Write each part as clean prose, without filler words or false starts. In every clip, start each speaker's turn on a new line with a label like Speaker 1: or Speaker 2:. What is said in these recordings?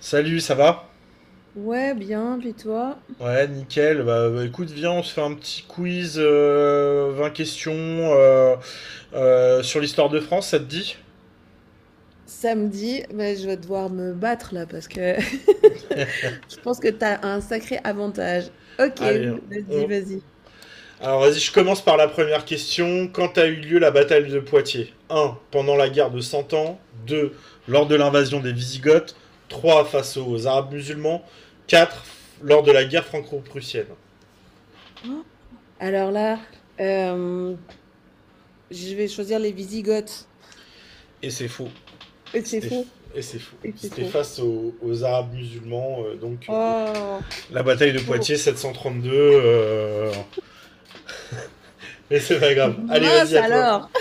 Speaker 1: Salut, ça va?
Speaker 2: Ouais, bien, puis toi?
Speaker 1: Ouais, nickel. Bah, écoute, viens, on se fait un petit quiz, 20 questions sur l'histoire de France, ça te dit?
Speaker 2: Samedi, mais je vais devoir me battre là parce que je pense que t'as un sacré avantage. Ok,
Speaker 1: Allez,
Speaker 2: vas-y,
Speaker 1: on...
Speaker 2: vas-y.
Speaker 1: alors vas-y, je commence par la première question. Quand a eu lieu la bataille de Poitiers? Un, pendant la guerre de Cent Ans. 2, lors de l'invasion des Wisigoths. 3, face aux Arabes musulmans. 4, lors de la guerre franco-prussienne.
Speaker 2: Oh, alors là, euh, je vais choisir les Visigoths.
Speaker 1: Et c'est faux.
Speaker 2: Et c'est
Speaker 1: C'était...
Speaker 2: faux.
Speaker 1: Et c'est faux.
Speaker 2: Et c'est
Speaker 1: C'était
Speaker 2: faux.
Speaker 1: face aux Arabes musulmans, donc,
Speaker 2: Oh,
Speaker 1: la bataille de
Speaker 2: faux.
Speaker 1: Poitiers 732. Mais c'est pas grave. Allez,
Speaker 2: Mince
Speaker 1: vas-y à toi.
Speaker 2: alors.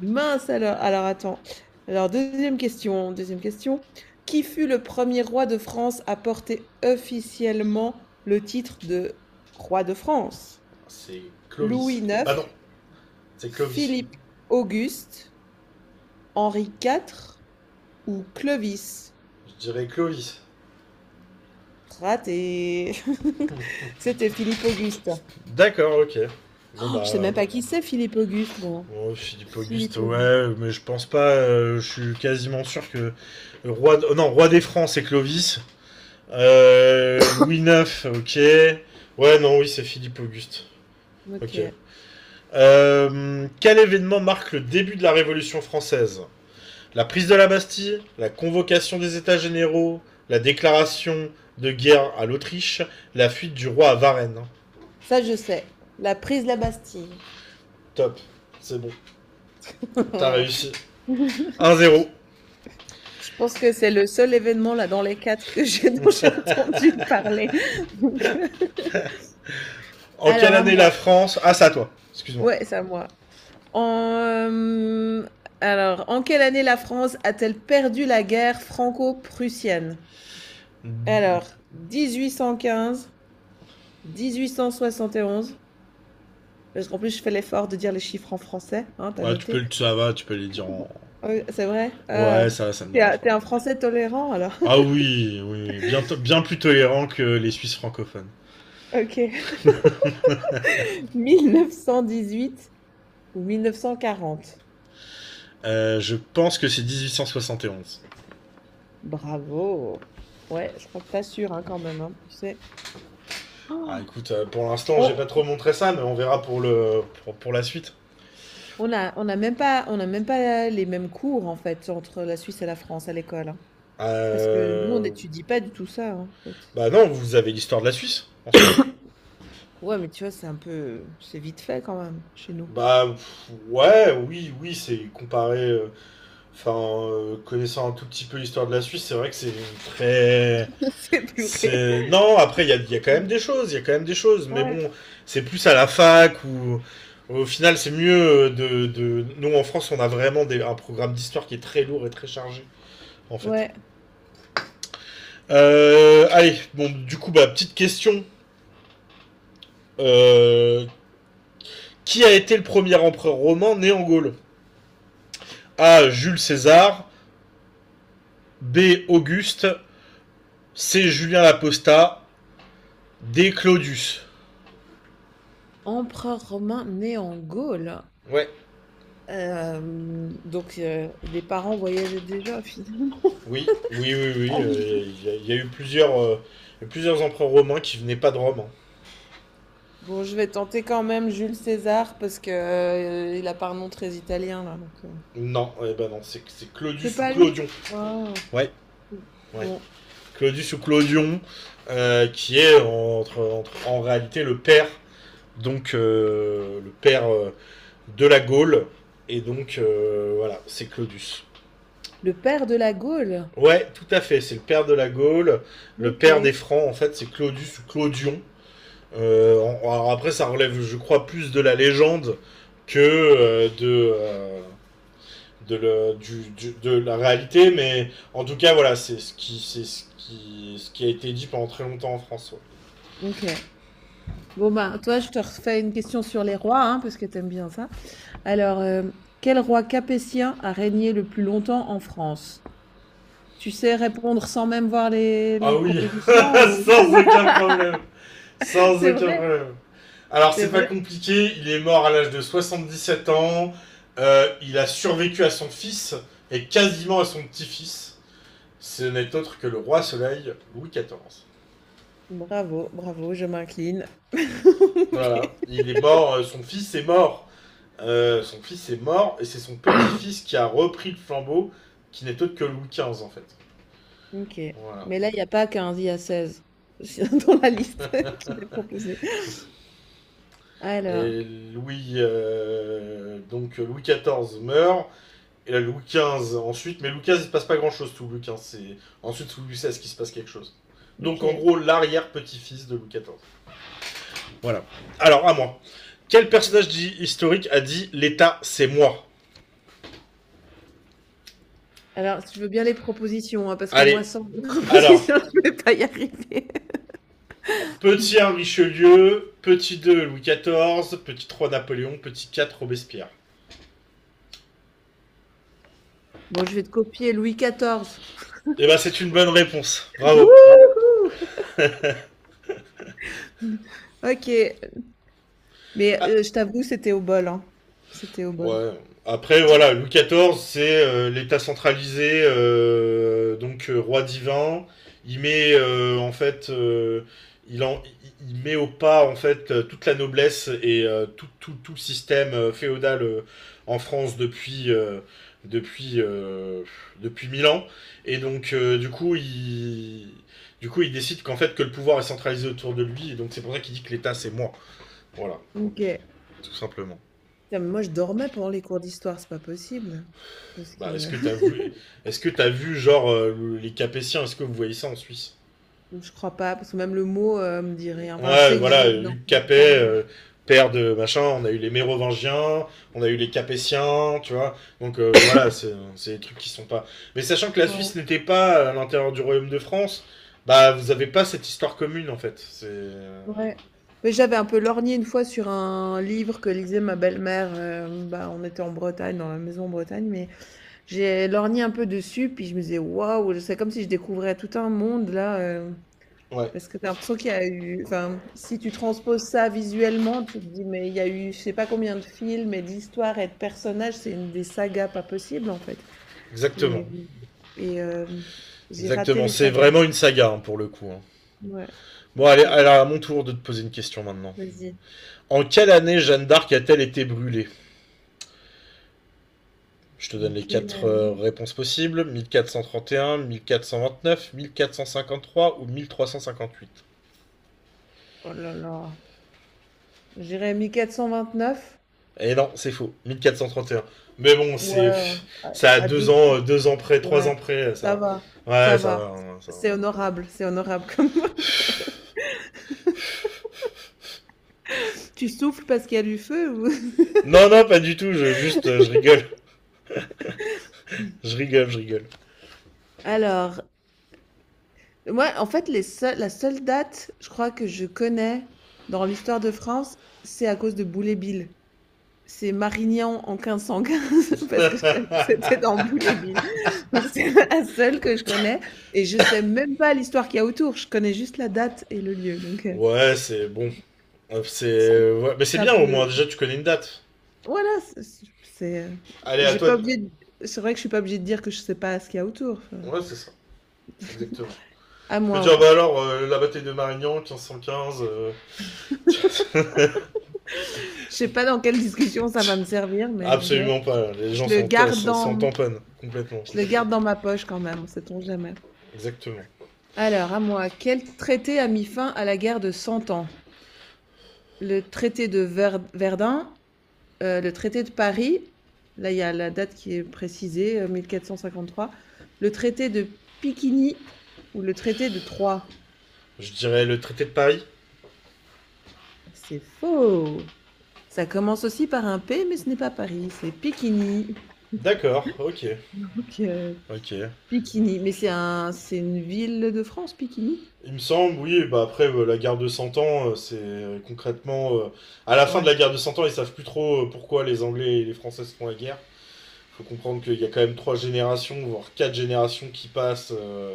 Speaker 2: Mince alors. Alors attends. Alors deuxième question. Deuxième question. Qui fut le premier roi de France à porter officiellement le titre de roi de France?
Speaker 1: C'est Clovis.
Speaker 2: Louis neuf,
Speaker 1: Ah non, c'est Clovis.
Speaker 2: Philippe-Auguste, Henri quatre ou Clovis?
Speaker 1: Je dirais Clovis.
Speaker 2: Raté. C'était Philippe-Auguste.
Speaker 1: D'accord, ok. Bon,
Speaker 2: Oh, je sais même
Speaker 1: bah.
Speaker 2: pas qui c'est Philippe-Auguste, moi.
Speaker 1: Bon, Philippe Auguste,
Speaker 2: Philippe-Auguste.
Speaker 1: ouais, mais je pense pas. Je suis quasiment sûr que le roi, non, roi des Francs, c'est Clovis. Louis IX, ok. Ouais, non, oui, c'est Philippe Auguste.
Speaker 2: Ok.
Speaker 1: Ok. Quel événement marque le début de la Révolution française? La prise de la Bastille, la convocation des États généraux, la déclaration de guerre à l'Autriche, la fuite du roi à Varennes.
Speaker 2: Ça, je sais. La prise de la Bastille.
Speaker 1: Top, c'est bon, t'as réussi. 1-0.
Speaker 2: Je pense que c'est le seul événement là dans les quatre que j'ai dont j'ai entendu parler. Donc,
Speaker 1: En
Speaker 2: alors
Speaker 1: quelle
Speaker 2: à
Speaker 1: année la
Speaker 2: moi.
Speaker 1: France Ah, ça toi, excuse-moi.
Speaker 2: Ouais, c'est à moi. En, euh, En quelle année la France a-t-elle perdu la guerre franco-prussienne? Alors, 1815, 1871. Parce qu'en plus, je fais l'effort de dire les chiffres en français, hein, t'as
Speaker 1: Ouais, tu
Speaker 2: noté?
Speaker 1: peux, ça va, tu peux les dire en.
Speaker 2: Oui, c'est vrai? Ah,
Speaker 1: Ouais, ça me
Speaker 2: t'es,
Speaker 1: dérange
Speaker 2: un
Speaker 1: pas.
Speaker 2: t'es un Français tolérant, alors.
Speaker 1: Ah oui, oui, oui, bien, bien plus tolérant que les Suisses francophones.
Speaker 2: Ok. 1918 ou 1940?
Speaker 1: Je pense que c'est 1871.
Speaker 2: Bravo. Ouais, je crois que t'assures, hein, quand même, hein. Tu sais.
Speaker 1: Ah
Speaker 2: Oh,
Speaker 1: écoute, pour l'instant, j'ai pas
Speaker 2: on,
Speaker 1: trop montré ça, mais on verra pour le pour la suite.
Speaker 2: on a, on n'a même pas les mêmes cours en fait entre la Suisse et la France à l'école, hein. Parce que nous, on
Speaker 1: Euh,
Speaker 2: n'étudie pas du tout ça, hein, en fait.
Speaker 1: Bah non, vous avez l'histoire de la Suisse, en soi.
Speaker 2: Ouais, mais tu vois, c'est un peu, c'est vite fait quand même chez nous.
Speaker 1: Bah pff, ouais, oui, oui, c'est comparé. Enfin, connaissant un tout petit peu l'histoire de la Suisse, c'est vrai que c'est Très...
Speaker 2: C'est purée.
Speaker 1: C'est... Non, après, il y a quand même des choses, il y a quand même des choses, mais
Speaker 2: Ouais.
Speaker 1: bon, c'est plus à la fac ou... Au final, c'est mieux. Nous, en France, on a vraiment un programme d'histoire qui est très lourd et très chargé, en fait.
Speaker 2: Ouais.
Speaker 1: Allez, bon, du coup, bah, petite question. Euh, qui a été le premier empereur romain né en Gaule? A. Jules César. B. Auguste. C. Julien Laposta. D. Claudius.
Speaker 2: Empereur romain né en Gaule.
Speaker 1: Ouais,
Speaker 2: Donc les parents voyageaient déjà finalement.
Speaker 1: oui, oui, oui, oui. Il y a eu plusieurs empereurs romains qui venaient pas de Rome, hein.
Speaker 2: Bon, je vais tenter quand même Jules César parce que il a pas un nom très italien là, donc.
Speaker 1: Non, eh ben non, c'est
Speaker 2: C'est
Speaker 1: Claudius ou
Speaker 2: pas lui.
Speaker 1: Clodion.
Speaker 2: Ah.
Speaker 1: Ouais, ouais.
Speaker 2: Bon,
Speaker 1: Claudius ou Clodion, qui est en réalité le père, donc le père de la Gaule. Et donc, voilà, c'est Claudius.
Speaker 2: le père de la Gaule.
Speaker 1: Ouais, tout à fait. C'est le père de la Gaule, le père
Speaker 2: OK.
Speaker 1: des Francs, en fait, c'est Claudius ou Claudion. Alors après, ça relève, je crois, plus de la légende que euh, de, le- du- de la réalité, mais en tout cas, voilà, c'est ce qui a été dit pendant très longtemps en France. Ouais.
Speaker 2: OK. Bon ben, toi, je te refais une question sur les rois, hein, parce que t'aimes bien ça. Alors, quel roi capétien a régné le plus longtemps en France? Tu sais répondre sans même voir
Speaker 1: Ah
Speaker 2: les
Speaker 1: oui,
Speaker 2: propositions ou...
Speaker 1: sans aucun problème. Sans
Speaker 2: C'est
Speaker 1: aucun
Speaker 2: vrai,
Speaker 1: problème. Alors,
Speaker 2: c'est
Speaker 1: c'est pas
Speaker 2: vrai.
Speaker 1: compliqué, il est mort à l'âge de 77 ans. Il a survécu à son fils et quasiment à son petit-fils. Ce n'est autre que le roi soleil Louis XIV.
Speaker 2: Bravo, bravo, je m'incline.
Speaker 1: Voilà, il est mort, son fils est mort. Son fils est mort et c'est son petit-fils qui a repris le flambeau, qui n'est autre que Louis XV en fait.
Speaker 2: OK.
Speaker 1: Voilà.
Speaker 2: Mais là, il n'y a pas 15, il y a 16 dans la liste qui est proposée. Alors,
Speaker 1: Donc Louis XIV meurt. Et là, Louis XV ensuite, mais Louis XV, il se passe pas grand chose sous Louis XV. C'est ensuite sous Louis XVI qu'il se passe quelque chose. Donc en
Speaker 2: OK.
Speaker 1: gros, l'arrière-petit-fils de Louis XIV. Voilà. Alors, à moi. Quel personnage historique a dit l'État, c'est moi?
Speaker 2: Alors, je veux bien les propositions, hein, parce que moi,
Speaker 1: Allez,
Speaker 2: sans les
Speaker 1: alors,
Speaker 2: propositions, je ne vais pas y arriver.
Speaker 1: petit un Richelieu, petit 2 Louis XIV, petit 3 Napoléon, petit 4 Robespierre.
Speaker 2: Bon, je vais te copier Louis XIV.
Speaker 1: Eh ben, c'est une bonne réponse.
Speaker 2: Ouais.
Speaker 1: Bravo.
Speaker 2: Wouhou! OK. Mais
Speaker 1: Ah,
Speaker 2: je t'avoue, c'était au bol, hein. C'était au bol.
Speaker 1: ouais. Après, voilà, Louis XIV, c'est l'État centralisé, donc roi divin. Il met en fait, il, en, il met au pas en fait toute la noblesse et tout le système féodal en France depuis euh, depuis 1 000 ans. Et donc, du coup, il décide qu'en fait que le pouvoir est centralisé autour de lui. Et donc, c'est pour ça qu'il dit que l'État c'est moi. Voilà,
Speaker 2: OK. Putain,
Speaker 1: tout simplement.
Speaker 2: mais moi, je dormais pendant les cours d'histoire, c'est pas possible. Parce
Speaker 1: Bah, est-ce
Speaker 2: que
Speaker 1: que t'as vu, est-ce que t'as vu genre les Capétiens, est-ce que vous voyez ça en Suisse?
Speaker 2: je crois pas, parce que même le mot me dit rien. Enfin, je
Speaker 1: Ouais,
Speaker 2: sais que j'ai
Speaker 1: voilà, Hugues
Speaker 2: entendu
Speaker 1: Capet,
Speaker 2: parler.
Speaker 1: père de machin, on a eu les Mérovingiens, on a eu les Capétiens, tu vois. Donc voilà, c'est des trucs qui sont pas. Mais sachant que la Suisse
Speaker 2: Ouais.
Speaker 1: n'était pas à l'intérieur du Royaume de France, bah vous avez pas cette histoire commune en fait. C'est
Speaker 2: Ouais. Mais j'avais un peu lorgné une fois sur un livre que lisait ma belle-mère. Bah, on était en Bretagne, dans la maison en Bretagne, mais j'ai lorgné un peu dessus, puis je me disais, waouh, c'est comme si je découvrais tout un monde là.
Speaker 1: ouais,
Speaker 2: Parce que t'as l'impression qu'il y a eu, enfin, si tu transposes ça visuellement, tu te dis, mais il y a eu, je sais pas combien de films et d'histoires et de personnages, c'est une des sagas pas possible en fait.
Speaker 1: exactement,
Speaker 2: Et, et, j'ai raté
Speaker 1: exactement.
Speaker 2: les
Speaker 1: C'est
Speaker 2: sagas.
Speaker 1: vraiment une saga hein, pour le coup, hein.
Speaker 2: Ouais,
Speaker 1: Bon, allez,
Speaker 2: ok,
Speaker 1: alors à mon tour de te poser une question maintenant.
Speaker 2: vas-y.
Speaker 1: En quelle année Jeanne d'Arc a-t-elle été brûlée? Je te
Speaker 2: En
Speaker 1: donne les
Speaker 2: quelle
Speaker 1: quatre
Speaker 2: année?
Speaker 1: réponses possibles, 1431, 1429, 1453 ou 1358.
Speaker 2: Oh là là. J'irais neuf.
Speaker 1: Et non, c'est faux, 1431. Mais bon,
Speaker 2: Ouais,
Speaker 1: c'est ça a
Speaker 2: à
Speaker 1: deux
Speaker 2: deux.
Speaker 1: ans, 2 ans près, trois
Speaker 2: Ouais,
Speaker 1: ans près, ça
Speaker 2: ça va,
Speaker 1: va.
Speaker 2: ça
Speaker 1: Ouais, ça
Speaker 2: va.
Speaker 1: va, hein, ça va.
Speaker 2: C'est honorable comme. Tu souffles parce qu'il y a du feu ou...
Speaker 1: Non, non, pas du tout, juste, je rigole. Je rigole, je rigole.
Speaker 2: Alors, ouais, en fait, les seuls la seule date, je crois, que je connais dans l'histoire de France, c'est à cause de Boulet-Bill. C'est Marignan en 1515, parce que c'était dans Boulet-Bill. Donc, c'est la seule que je connais. Et je sais même pas l'histoire qu'il y a autour. Je connais juste la date et le lieu. Donc,
Speaker 1: Ouais, c'est bon. C'est,
Speaker 2: c'est
Speaker 1: ouais, mais c'est
Speaker 2: c'est un
Speaker 1: bien au moins,
Speaker 2: peu.
Speaker 1: déjà tu connais une date.
Speaker 2: Voilà,
Speaker 1: Allez, à
Speaker 2: j'ai
Speaker 1: toi.
Speaker 2: pas oublié. C'est vrai que je suis pas obligée de dire que je sais pas ce qu'il y a autour. Enfin,
Speaker 1: Ouais, c'est ça, exactement.
Speaker 2: à
Speaker 1: Tu peux
Speaker 2: moi,
Speaker 1: dire,
Speaker 2: ouais.
Speaker 1: bah alors, la bataille de Marignan, 1515,
Speaker 2: Je sais pas dans quelle discussion ça va me servir, mais bon,
Speaker 1: absolument pas. Les
Speaker 2: je
Speaker 1: gens
Speaker 2: le
Speaker 1: s'en
Speaker 2: garde
Speaker 1: s'en s'en
Speaker 2: en,
Speaker 1: tamponnent complètement.
Speaker 2: je le garde dans ma poche quand même, sait-on jamais.
Speaker 1: Exactement.
Speaker 2: Alors, à moi, quel traité a mis fin à la guerre de Cent Ans? Le traité de Ver- Verdun, le traité de Paris, là il y a la date qui est précisée, 1453, le traité de Piquigny ou le traité de Troyes.
Speaker 1: Je dirais le traité de Paris.
Speaker 2: C'est faux. Ça commence aussi par un P, mais ce n'est pas Paris, c'est Piquigny.
Speaker 1: D'accord, ok.
Speaker 2: Donc,
Speaker 1: Ok.
Speaker 2: Piquigny, mais c'est une ville de France, Piquigny?
Speaker 1: Il me semble, oui, bah après la guerre de 100 ans, c'est concrètement. À la fin de la
Speaker 2: Ouais.
Speaker 1: guerre de cent ans, ils savent plus trop pourquoi les Anglais et les Français se font la guerre. Faut comprendre qu'il y a quand même trois générations, voire quatre générations qui passent. euh,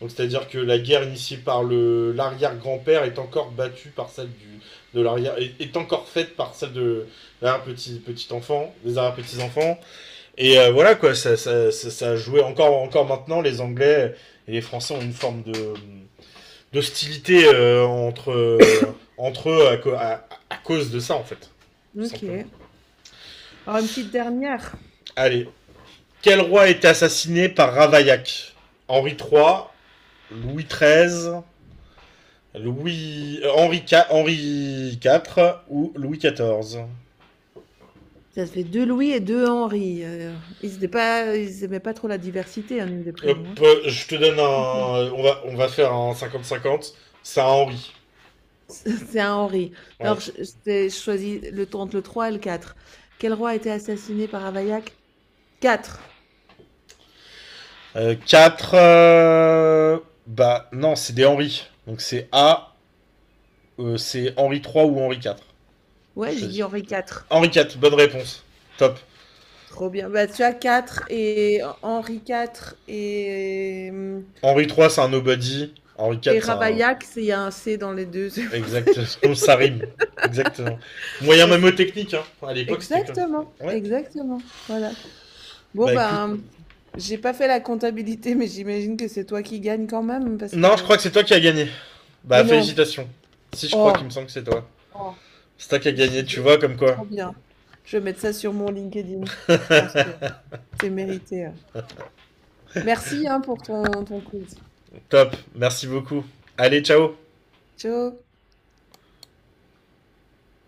Speaker 1: donc c'est-à-dire que la guerre initiée par le l'arrière-grand-père est encore battue par celle du de l'arrière est encore faite par celle de l'arrière petit enfant, des arrière petits enfants. Et voilà quoi, ça a joué encore maintenant les Anglais et les Français ont une forme de d'hostilité entre eux à cause de ça en fait, tout
Speaker 2: Ok.
Speaker 1: simplement.
Speaker 2: Alors, une petite dernière.
Speaker 1: Allez, quel roi a été assassiné par Ravaillac? Henri III, Louis XIII, Henri, IV ou Louis XIV?
Speaker 2: Ça fait 2 Louis et 2 Henri, ils aimaient pas trop la diversité, hein, au niveau des prénoms, hein.
Speaker 1: Je te donne un. On va faire un 50-50. C'est un Henri.
Speaker 2: C'est un Henri.
Speaker 1: Ouais.
Speaker 2: Alors je choisis le t entre le 3 et le quatre. Quel roi a été assassiné par Ravaillac? 4.
Speaker 1: 4. Bah non, c'est des Henri. Donc c'est A, c'est Henri III ou Henri IV. Je
Speaker 2: Ouais, j'ai
Speaker 1: choisis.
Speaker 2: dit Henri 4.
Speaker 1: Henri IV, bonne réponse. Top.
Speaker 2: Trop bien. Bah, tu as 4 et Henri 4 et mmh
Speaker 1: Henri III, c'est un nobody. Henri
Speaker 2: et
Speaker 1: IV, c'est un.
Speaker 2: Ravaillac, c'est il y a un C dans les 2. C'est pour ça que j'ai
Speaker 1: Exactement, ça rime. Exactement. Moyen même
Speaker 2: facilité.
Speaker 1: technique, hein. À l'époque, c'était comme.
Speaker 2: Exactement,
Speaker 1: Ouais.
Speaker 2: exactement, voilà. Bon,
Speaker 1: Bah écoute.
Speaker 2: ben, j'ai pas fait la comptabilité, mais j'imagine que c'est toi qui gagne quand même, parce
Speaker 1: Non, je
Speaker 2: que...
Speaker 1: crois que c'est toi qui as gagné. Bah
Speaker 2: Mais non!
Speaker 1: félicitations. Si je crois qu'il me
Speaker 2: Oh!
Speaker 1: semble que c'est toi.
Speaker 2: Oh!
Speaker 1: C'est toi qui as
Speaker 2: Je
Speaker 1: gagné,
Speaker 2: suis
Speaker 1: tu vois, comme quoi.
Speaker 2: trop bien. Je vais mettre ça sur mon LinkedIn. Je pense que c'est mérité. Merci, hein, pour ton quiz.
Speaker 1: Top, merci beaucoup. Allez, ciao
Speaker 2: Ciao!